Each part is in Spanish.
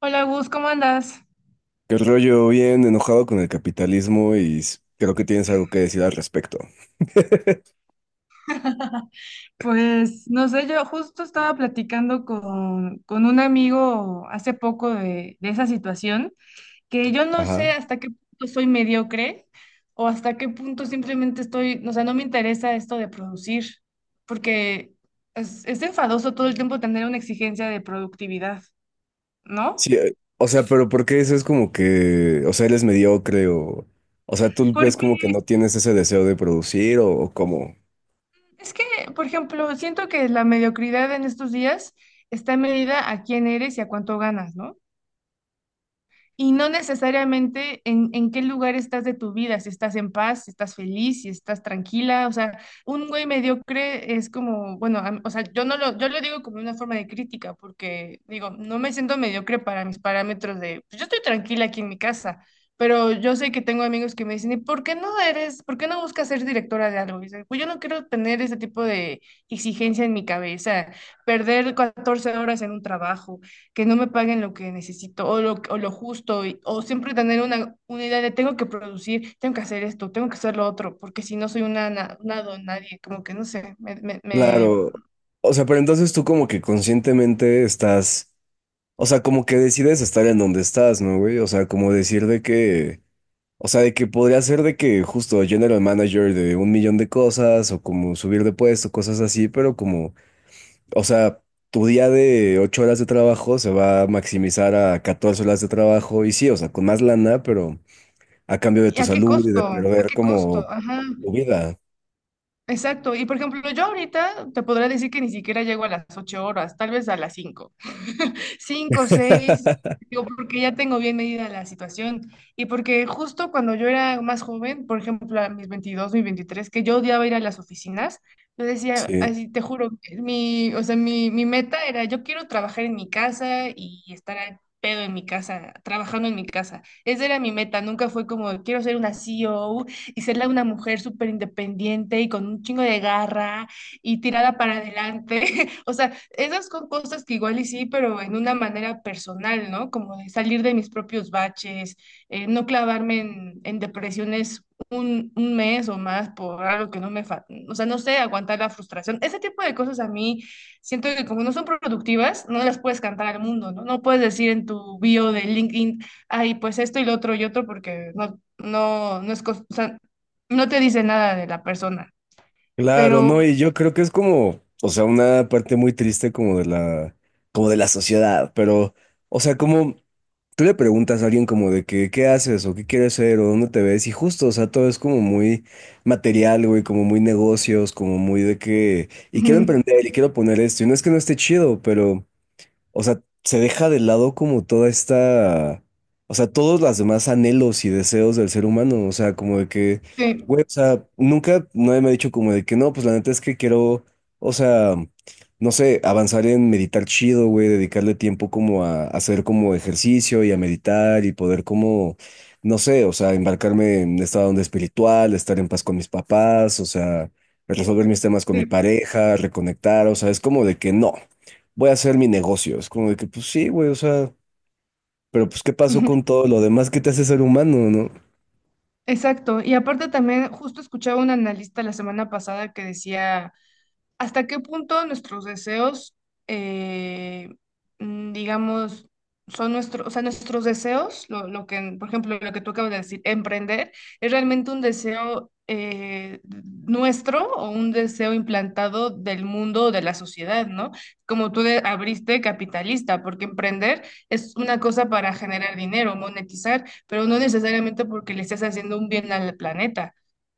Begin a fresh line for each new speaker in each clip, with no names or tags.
Hola Gus, ¿cómo andas?
Qué rollo, bien enojado con el capitalismo y creo que tienes algo que decir al respecto.
Pues no sé, yo justo estaba platicando con un amigo hace poco de esa situación, que yo no sé
Ajá.
hasta qué punto soy mediocre o hasta qué punto simplemente estoy, o sea, no me interesa esto de producir, porque es enfadoso todo el tiempo tener una exigencia de productividad, ¿no?
Sí, o sea, pero ¿por qué eso es como que, o sea, eres mediocre o sea, tú ves
Porque
como que no tienes ese deseo de producir o cómo?
es que, por ejemplo, siento que la mediocridad en estos días está medida a quién eres y a cuánto ganas, ¿no? Y no necesariamente en qué lugar estás de tu vida, si estás en paz, si estás feliz, si estás tranquila. O sea, un güey mediocre es como, bueno, a o sea, yo no lo, yo lo digo como una forma de crítica, porque digo, no me siento mediocre para mis parámetros de, pues, yo estoy tranquila aquí en mi casa, pero yo sé que tengo amigos que me dicen, ¿y por qué no eres, por qué no buscas ser directora de algo? Y dice, pues yo no quiero tener ese tipo de exigencia en mi cabeza, perder 14 horas en un trabajo que no me paguen lo que necesito o lo justo, o siempre tener una idea de tengo que producir, tengo que hacer esto, tengo que hacer lo otro, porque si no soy una, na- una don nadie, como que no sé,
Claro. O sea, pero entonces tú como que conscientemente estás, o sea, como que decides estar en donde estás, ¿no, güey? O sea, como decir de que, o sea, de que podría ser de que justo general manager de un millón de cosas o como subir de puesto, cosas así, pero como, o sea, tu día de 8 horas de trabajo se va a maximizar a 14 horas de trabajo y sí, o sea, con más lana, pero a cambio de
¿y
tu
a qué
salud y de
costo? ¿A
perder
qué costo?
como
Ajá.
tu vida.
Exacto. Y por ejemplo, yo ahorita te podría decir que ni siquiera llego a las 8 horas, tal vez a las 5, 5, 6, digo, porque ya tengo bien medida la situación. Y porque justo cuando yo era más joven, por ejemplo, a mis 22, mis 23, que yo odiaba ir a las oficinas, yo decía,
Sí,
así te juro, mi, o sea, mi meta era, yo quiero trabajar en mi casa y estar al pedo en mi casa, trabajando en mi casa. Esa era mi meta, nunca fue como, quiero ser una CEO y serla una mujer súper independiente y con un chingo de garra y tirada para adelante. O sea, esas son cosas que igual y sí, pero en una manera personal, ¿no? Como de salir de mis propios baches, no clavarme en depresiones un mes o más por algo que no me, o sea, no sé, aguantar la frustración. Ese tipo de cosas a mí siento que como no son productivas, no las puedes cantar al mundo, ¿no? No puedes decir en tu bio de LinkedIn, ay, pues esto y lo otro y otro, porque no, no, no es, o sea, no te dice nada de la persona,
claro, no,
pero
y yo creo que es como, o sea, una parte muy triste como de la sociedad, pero, o sea, como... tú le preguntas a alguien como de que, qué haces o qué quieres ser o dónde te ves y justo, o sea, todo es como muy material, güey, como muy negocios, como muy de que, y quiero
ujú,
emprender y quiero poner esto, y no es que no esté chido, pero... O sea, se deja de lado como toda esta, o sea, todos los demás anhelos y deseos del ser humano, o sea, como de que,
sí,
güey, o sea, nunca nadie me ha dicho como de que no, pues la neta es que quiero, o sea, no sé, avanzar en meditar chido, güey, dedicarle tiempo como a hacer como ejercicio y a meditar y poder como, no sé, o sea, embarcarme en esta onda espiritual, estar en paz con mis papás, o sea, resolver mis temas con mi
sí,
pareja, reconectar, o sea, es como de que no voy a hacer mi negocio. Es como de que, pues sí, güey, o sea, pero pues ¿qué pasó
ujú,
con todo lo demás que te hace ser humano, no?
exacto. Y aparte también justo escuchaba un analista la semana pasada que decía ¿Hasta qué punto nuestros deseos, eh, digamos, son nuestros, o sea, nuestros deseos, lo que, por ejemplo, lo que tú acabas de decir, emprender, es realmente un deseo nuestro o un deseo implantado del mundo o de la sociedad, ¿no? Como tú de- abriste capitalista, porque emprender es una cosa para generar dinero, monetizar, pero no necesariamente porque le estés haciendo un bien al planeta.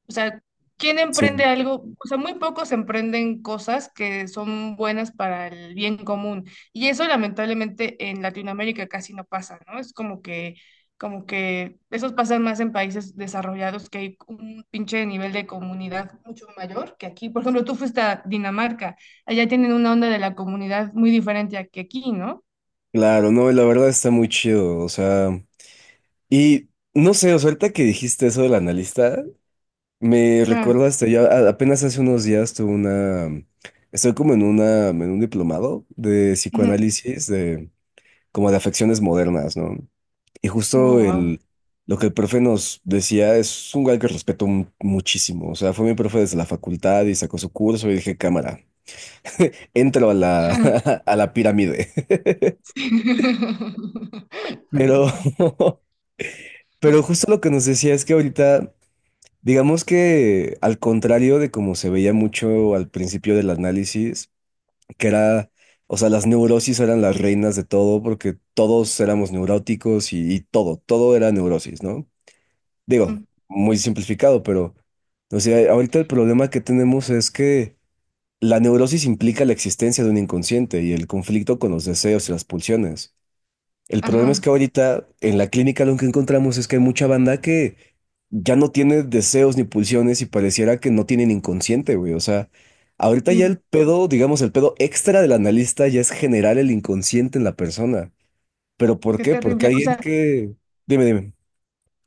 O sea, ¿quién emprende
Sí.
algo? O sea, muy pocos emprenden cosas que son buenas para el bien común. Y eso lamentablemente en Latinoamérica casi no pasa, ¿no? Es como que esos pasan más en países desarrollados que hay un pinche nivel de comunidad mucho mayor que aquí. Por ejemplo, tú fuiste a Dinamarca, allá tienen una onda de la comunidad muy diferente a que aquí, ¿no?
Claro, no, y la verdad está muy chido, o sea, y no sé, o sea, ahorita que dijiste eso del analista, me
Ah,
recordaste, ya apenas hace unos días tuve una, estoy como en una, en un diplomado de
ujú.
psicoanálisis, de, como de afecciones modernas, ¿no? Y
Oh,
justo
wow.
el, lo que el profe nos decía es un guy que respeto muchísimo. O sea, fue mi profe desde la facultad y sacó su curso y dije, cámara, entro a la, a la pirámide.
Sí.
Pero, pero justo lo que nos decía es que ahorita, digamos que al contrario de como se veía mucho al principio del análisis, que era, o sea, las neurosis eran las reinas de todo porque todos éramos neuróticos y todo, todo era neurosis, ¿no? Digo,
Ujú.
muy simplificado, pero, o sea, ahorita el problema que tenemos es que la neurosis implica la existencia de un inconsciente y el conflicto con los deseos y las pulsiones. El problema es
Ajá,
que ahorita en la clínica lo que encontramos es que hay mucha banda que ya no tiene deseos ni pulsiones y pareciera que no tienen inconsciente, güey. O sea, ahorita ya
sí.
el pedo, digamos, el pedo extra del analista ya es generar el inconsciente en la persona. ¿Pero por
Qué
qué? Porque
terrible. O
alguien
sea,
que... Dime, dime.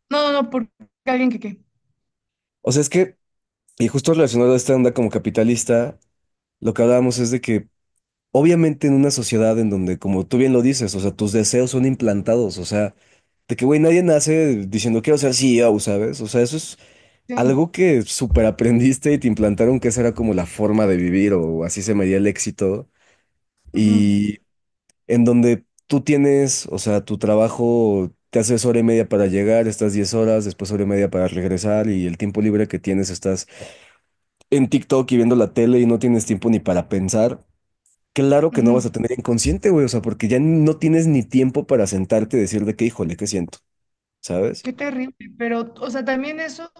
no, no, no, porque alguien que qué.
O sea, es que y justo relacionado a esta onda como capitalista, lo que hablábamos es de que obviamente en una sociedad en donde, como tú bien lo dices, o sea, tus deseos son implantados, o sea, de que, güey, nadie nace diciendo quiero ser CEO, ¿sabes? O sea, eso es
Sí.
algo que súper aprendiste y te implantaron que esa era como la forma de vivir o así se medía el éxito.
Ujú,
Y en donde tú tienes, o sea, tu trabajo te haces hora y media para llegar, estás 10 horas, después hora y media para regresar y el tiempo libre que tienes estás en TikTok y viendo la tele y no tienes tiempo ni para pensar, claro que no vas a
ujú.
tener inconsciente, güey, o sea, porque ya no tienes ni tiempo para sentarte y decir de qué, híjole, qué siento, ¿sabes?
Qué terrible. Pero, o sea, también eso.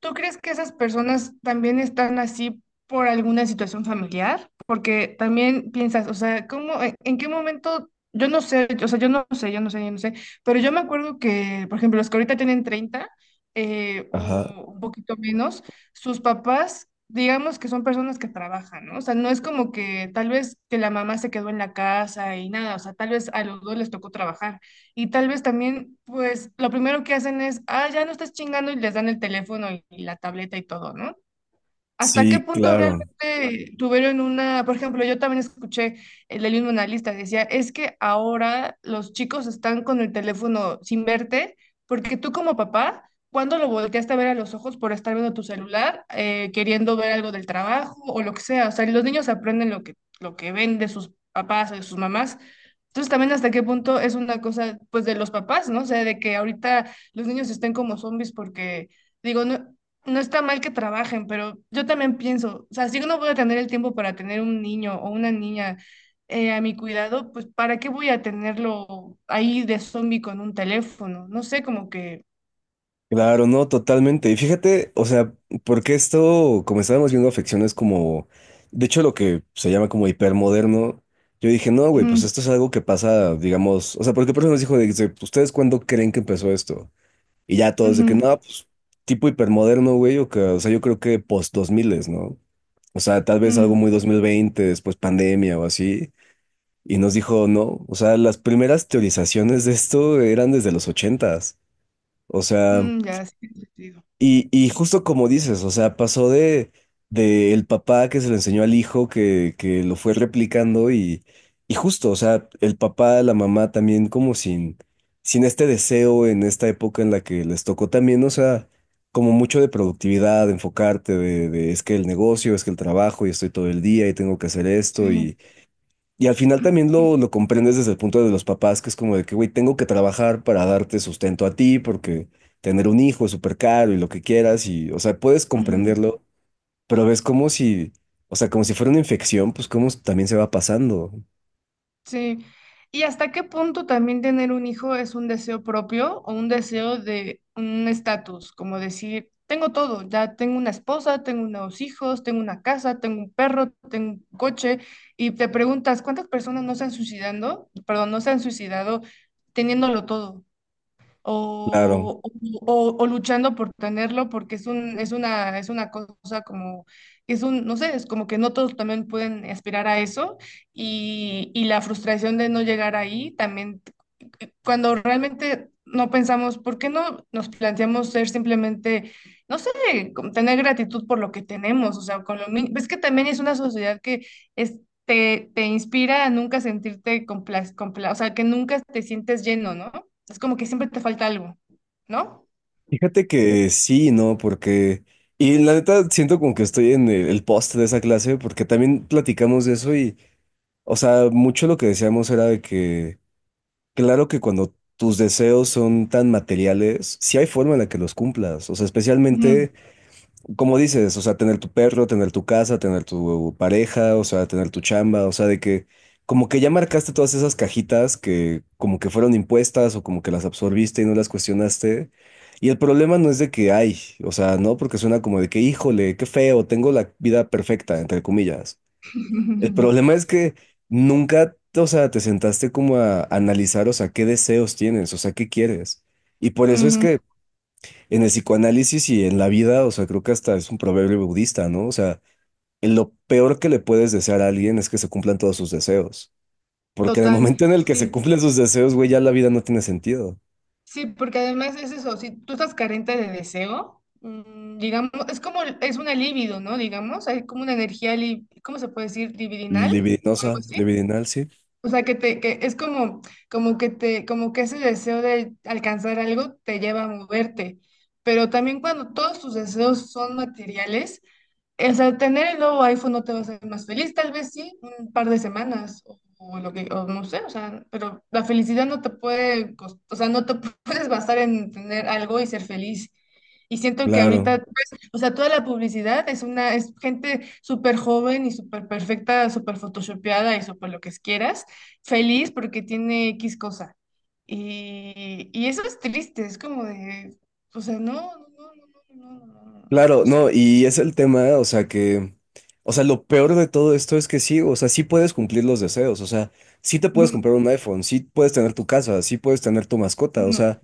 ¿Tú crees que esas personas también están así por alguna situación familiar? Porque también piensas, o sea, ¿cómo, en qué momento? Yo no sé, o sea, yo no sé, yo no sé, yo no sé, pero yo me acuerdo que, por ejemplo, los que ahorita tienen 30 o
Ajá.
un poquito menos, sus papás, digamos que son personas que trabajan, ¿no? O sea, no es como que tal vez que la mamá se quedó en la casa y nada, o sea, tal vez a los dos les tocó trabajar. Y tal vez también, pues, lo primero que hacen es, ah, ya no estás chingando y les dan el teléfono y la tableta y todo, ¿no? ¿Hasta qué
Sí,
punto
claro.
realmente tuvieron una, por ejemplo, yo también escuché el del mismo analista, decía, es que ahora los chicos están con el teléfono sin verte, porque tú como papá, cuando lo volteaste a ver a los ojos por estar viendo tu celular, queriendo ver algo del trabajo o lo que sea? O sea, los niños aprenden lo que ven de sus papás o de sus mamás. Entonces también hasta qué punto es una cosa, pues, de los papás, ¿no? O sea, de que ahorita los niños estén como zombies porque... Digo, no, no está mal que trabajen, pero yo también pienso, o sea, si yo no voy a tener el tiempo para tener un niño o una niña a mi cuidado, pues ¿para qué voy a tenerlo ahí de zombie con un teléfono? No sé, como que...
Claro, no, totalmente. Y fíjate, o sea, porque esto, como estábamos viendo afecciones como, de hecho, lo que se llama como hipermoderno, yo dije, no, güey, pues
Mm,
esto es algo que pasa, digamos, o sea, porque por eso nos dijo, de, dice, ¿ustedes cuándo creen que empezó esto? Y ya todos de que,
ujú,
no, pues, tipo hipermoderno, güey, o que, o sea, yo creo que post 2000, ¿no? O sea, tal vez algo
mm,
muy 2020 después pandemia o así. Y nos dijo, no, o sea, las primeras teorizaciones de esto eran desde los ochentas. O sea,
mm, ya, sí, tiene sentido.
y justo como dices, o sea, pasó de el papá que se lo enseñó al hijo, que lo fue replicando y justo, o sea, el papá, la mamá también como sin, sin este deseo en esta época en la que les tocó también, o sea, como mucho de productividad, de enfocarte, de es que el negocio, es que el trabajo y estoy todo el día y tengo que hacer esto
Sí.
y al final también lo comprendes desde el punto de los papás, que es como de que, güey, tengo que trabajar para darte sustento a ti, porque tener un hijo es súper caro y lo que quieras, y, o sea, puedes comprenderlo, pero ves como si, o sea, como si fuera una infección, pues como también se va pasando.
Sí. ¿Y hasta qué punto también tener un hijo es un deseo propio o un deseo de un estatus? Como decir, tengo todo, ya tengo una esposa, tengo unos hijos, tengo una casa, tengo un perro, tengo un coche, y te preguntas, ¿cuántas personas no se han suicidando? Perdón, ¿no se han suicidado teniéndolo todo?
Claro.
o, o o luchando por tenerlo porque es un, es una cosa como, es un, no sé, es como que no todos también pueden aspirar a eso y la frustración de no llegar ahí también cuando realmente no pensamos, ¿por qué no nos planteamos ser simplemente, no sé, como tener gratitud por lo que tenemos? O sea, con lo mínimo. Es que también es una sociedad que es- te inspira a nunca sentirte compla, o sea, que nunca te sientes lleno, ¿no? Es como que siempre te falta algo, ¿no?
Fíjate que sí, ¿no? Porque, y la neta, siento como que estoy en el post de esa clase, porque también platicamos de eso y, o sea, mucho lo que decíamos era de que... Claro que cuando tus deseos son tan materiales, sí hay forma en la que los cumplas. O sea,
Ujú.
especialmente, como dices, o sea, tener tu perro, tener tu casa, tener tu pareja, o sea, tener tu chamba, o sea, de que como que ya marcaste todas esas cajitas que como que fueron impuestas o como que las absorbiste y no las cuestionaste. Y el problema no es de que hay, o sea, no, porque suena como de que, híjole, qué feo, tengo la vida perfecta, entre comillas. El problema es que nunca, o sea, te sentaste como a analizar, o sea, qué deseos tienes, o sea, qué quieres. Y por eso es
Ujú.
que en el psicoanálisis y en la vida, o sea, creo que hasta es un proverbio budista, ¿no? O sea, en lo peor que le puedes desear a alguien es que se cumplan todos sus deseos. Porque en el
Total,
momento en el que se
sí.
cumplen sus deseos, güey, ya la vida no tiene sentido.
Sí, porque además es eso, si tú estás carente de deseo, digamos, es como, es una libido, ¿no? Digamos, hay como una energía, ¿cómo se puede decir? Libidinal o algo
Libidinosa,
así.
libidinal, sí.
O sea, que, te, que es como, como que te, como que ese deseo de alcanzar algo te lleva a moverte. Pero también cuando todos tus deseos son materiales, o sea, tener el nuevo iPhone no te va a hacer más feliz, tal vez sí, un par de semanas o lo que, o no sé, o sea, pero la felicidad no te puede, o sea, no te puedes basar en tener algo y ser feliz. Y siento que
Claro.
ahorita, pues, o sea, toda la publicidad es una, es gente súper joven y súper perfecta, súper photoshopeada y súper lo que quieras, feliz porque tiene X cosa. Y eso es triste, es como de, o sea, no, no, no, no, no, no, no, no
Claro,
no
no,
sé.
y es el tema, o sea que, o sea, lo peor de todo esto es que sí, o sea, sí puedes cumplir los deseos, o sea, sí te puedes comprar un iPhone, sí puedes tener tu casa, sí puedes tener tu mascota, o sea,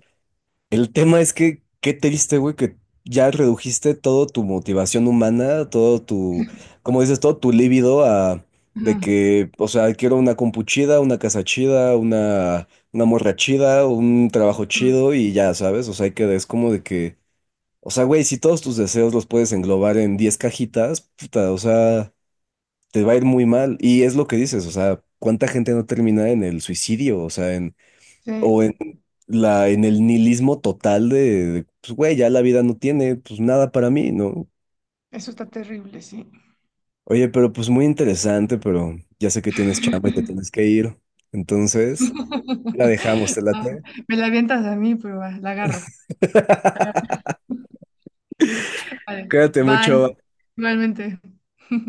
el tema es que, qué triste, güey, que ya redujiste todo tu motivación humana, todo tu, como dices, todo tu líbido a, de
Ujú,
que, o sea, quiero una compu chida, una casa chida, una morra chida, un trabajo
ujú.
chido y ya, ¿sabes? O sea, que es como de que... O sea, güey, si todos tus deseos los puedes englobar en 10 cajitas, puta, o sea, te va a ir muy mal. Y es lo que dices, o sea, ¿cuánta gente no termina en el suicidio? O sea, en,
Sí,
o en la, en el nihilismo total de, pues, güey, ya la vida no tiene, pues nada para mí, ¿no?
eso está terrible, sí.
Oye, pero pues muy interesante, pero ya sé que tienes chamba y te tienes que ir. Entonces, la dejamos, te
Ah,
late.
me la avientas a mí, pero va, la agarro. Vale,
Cuídate
bye.
mucho.
Igualmente.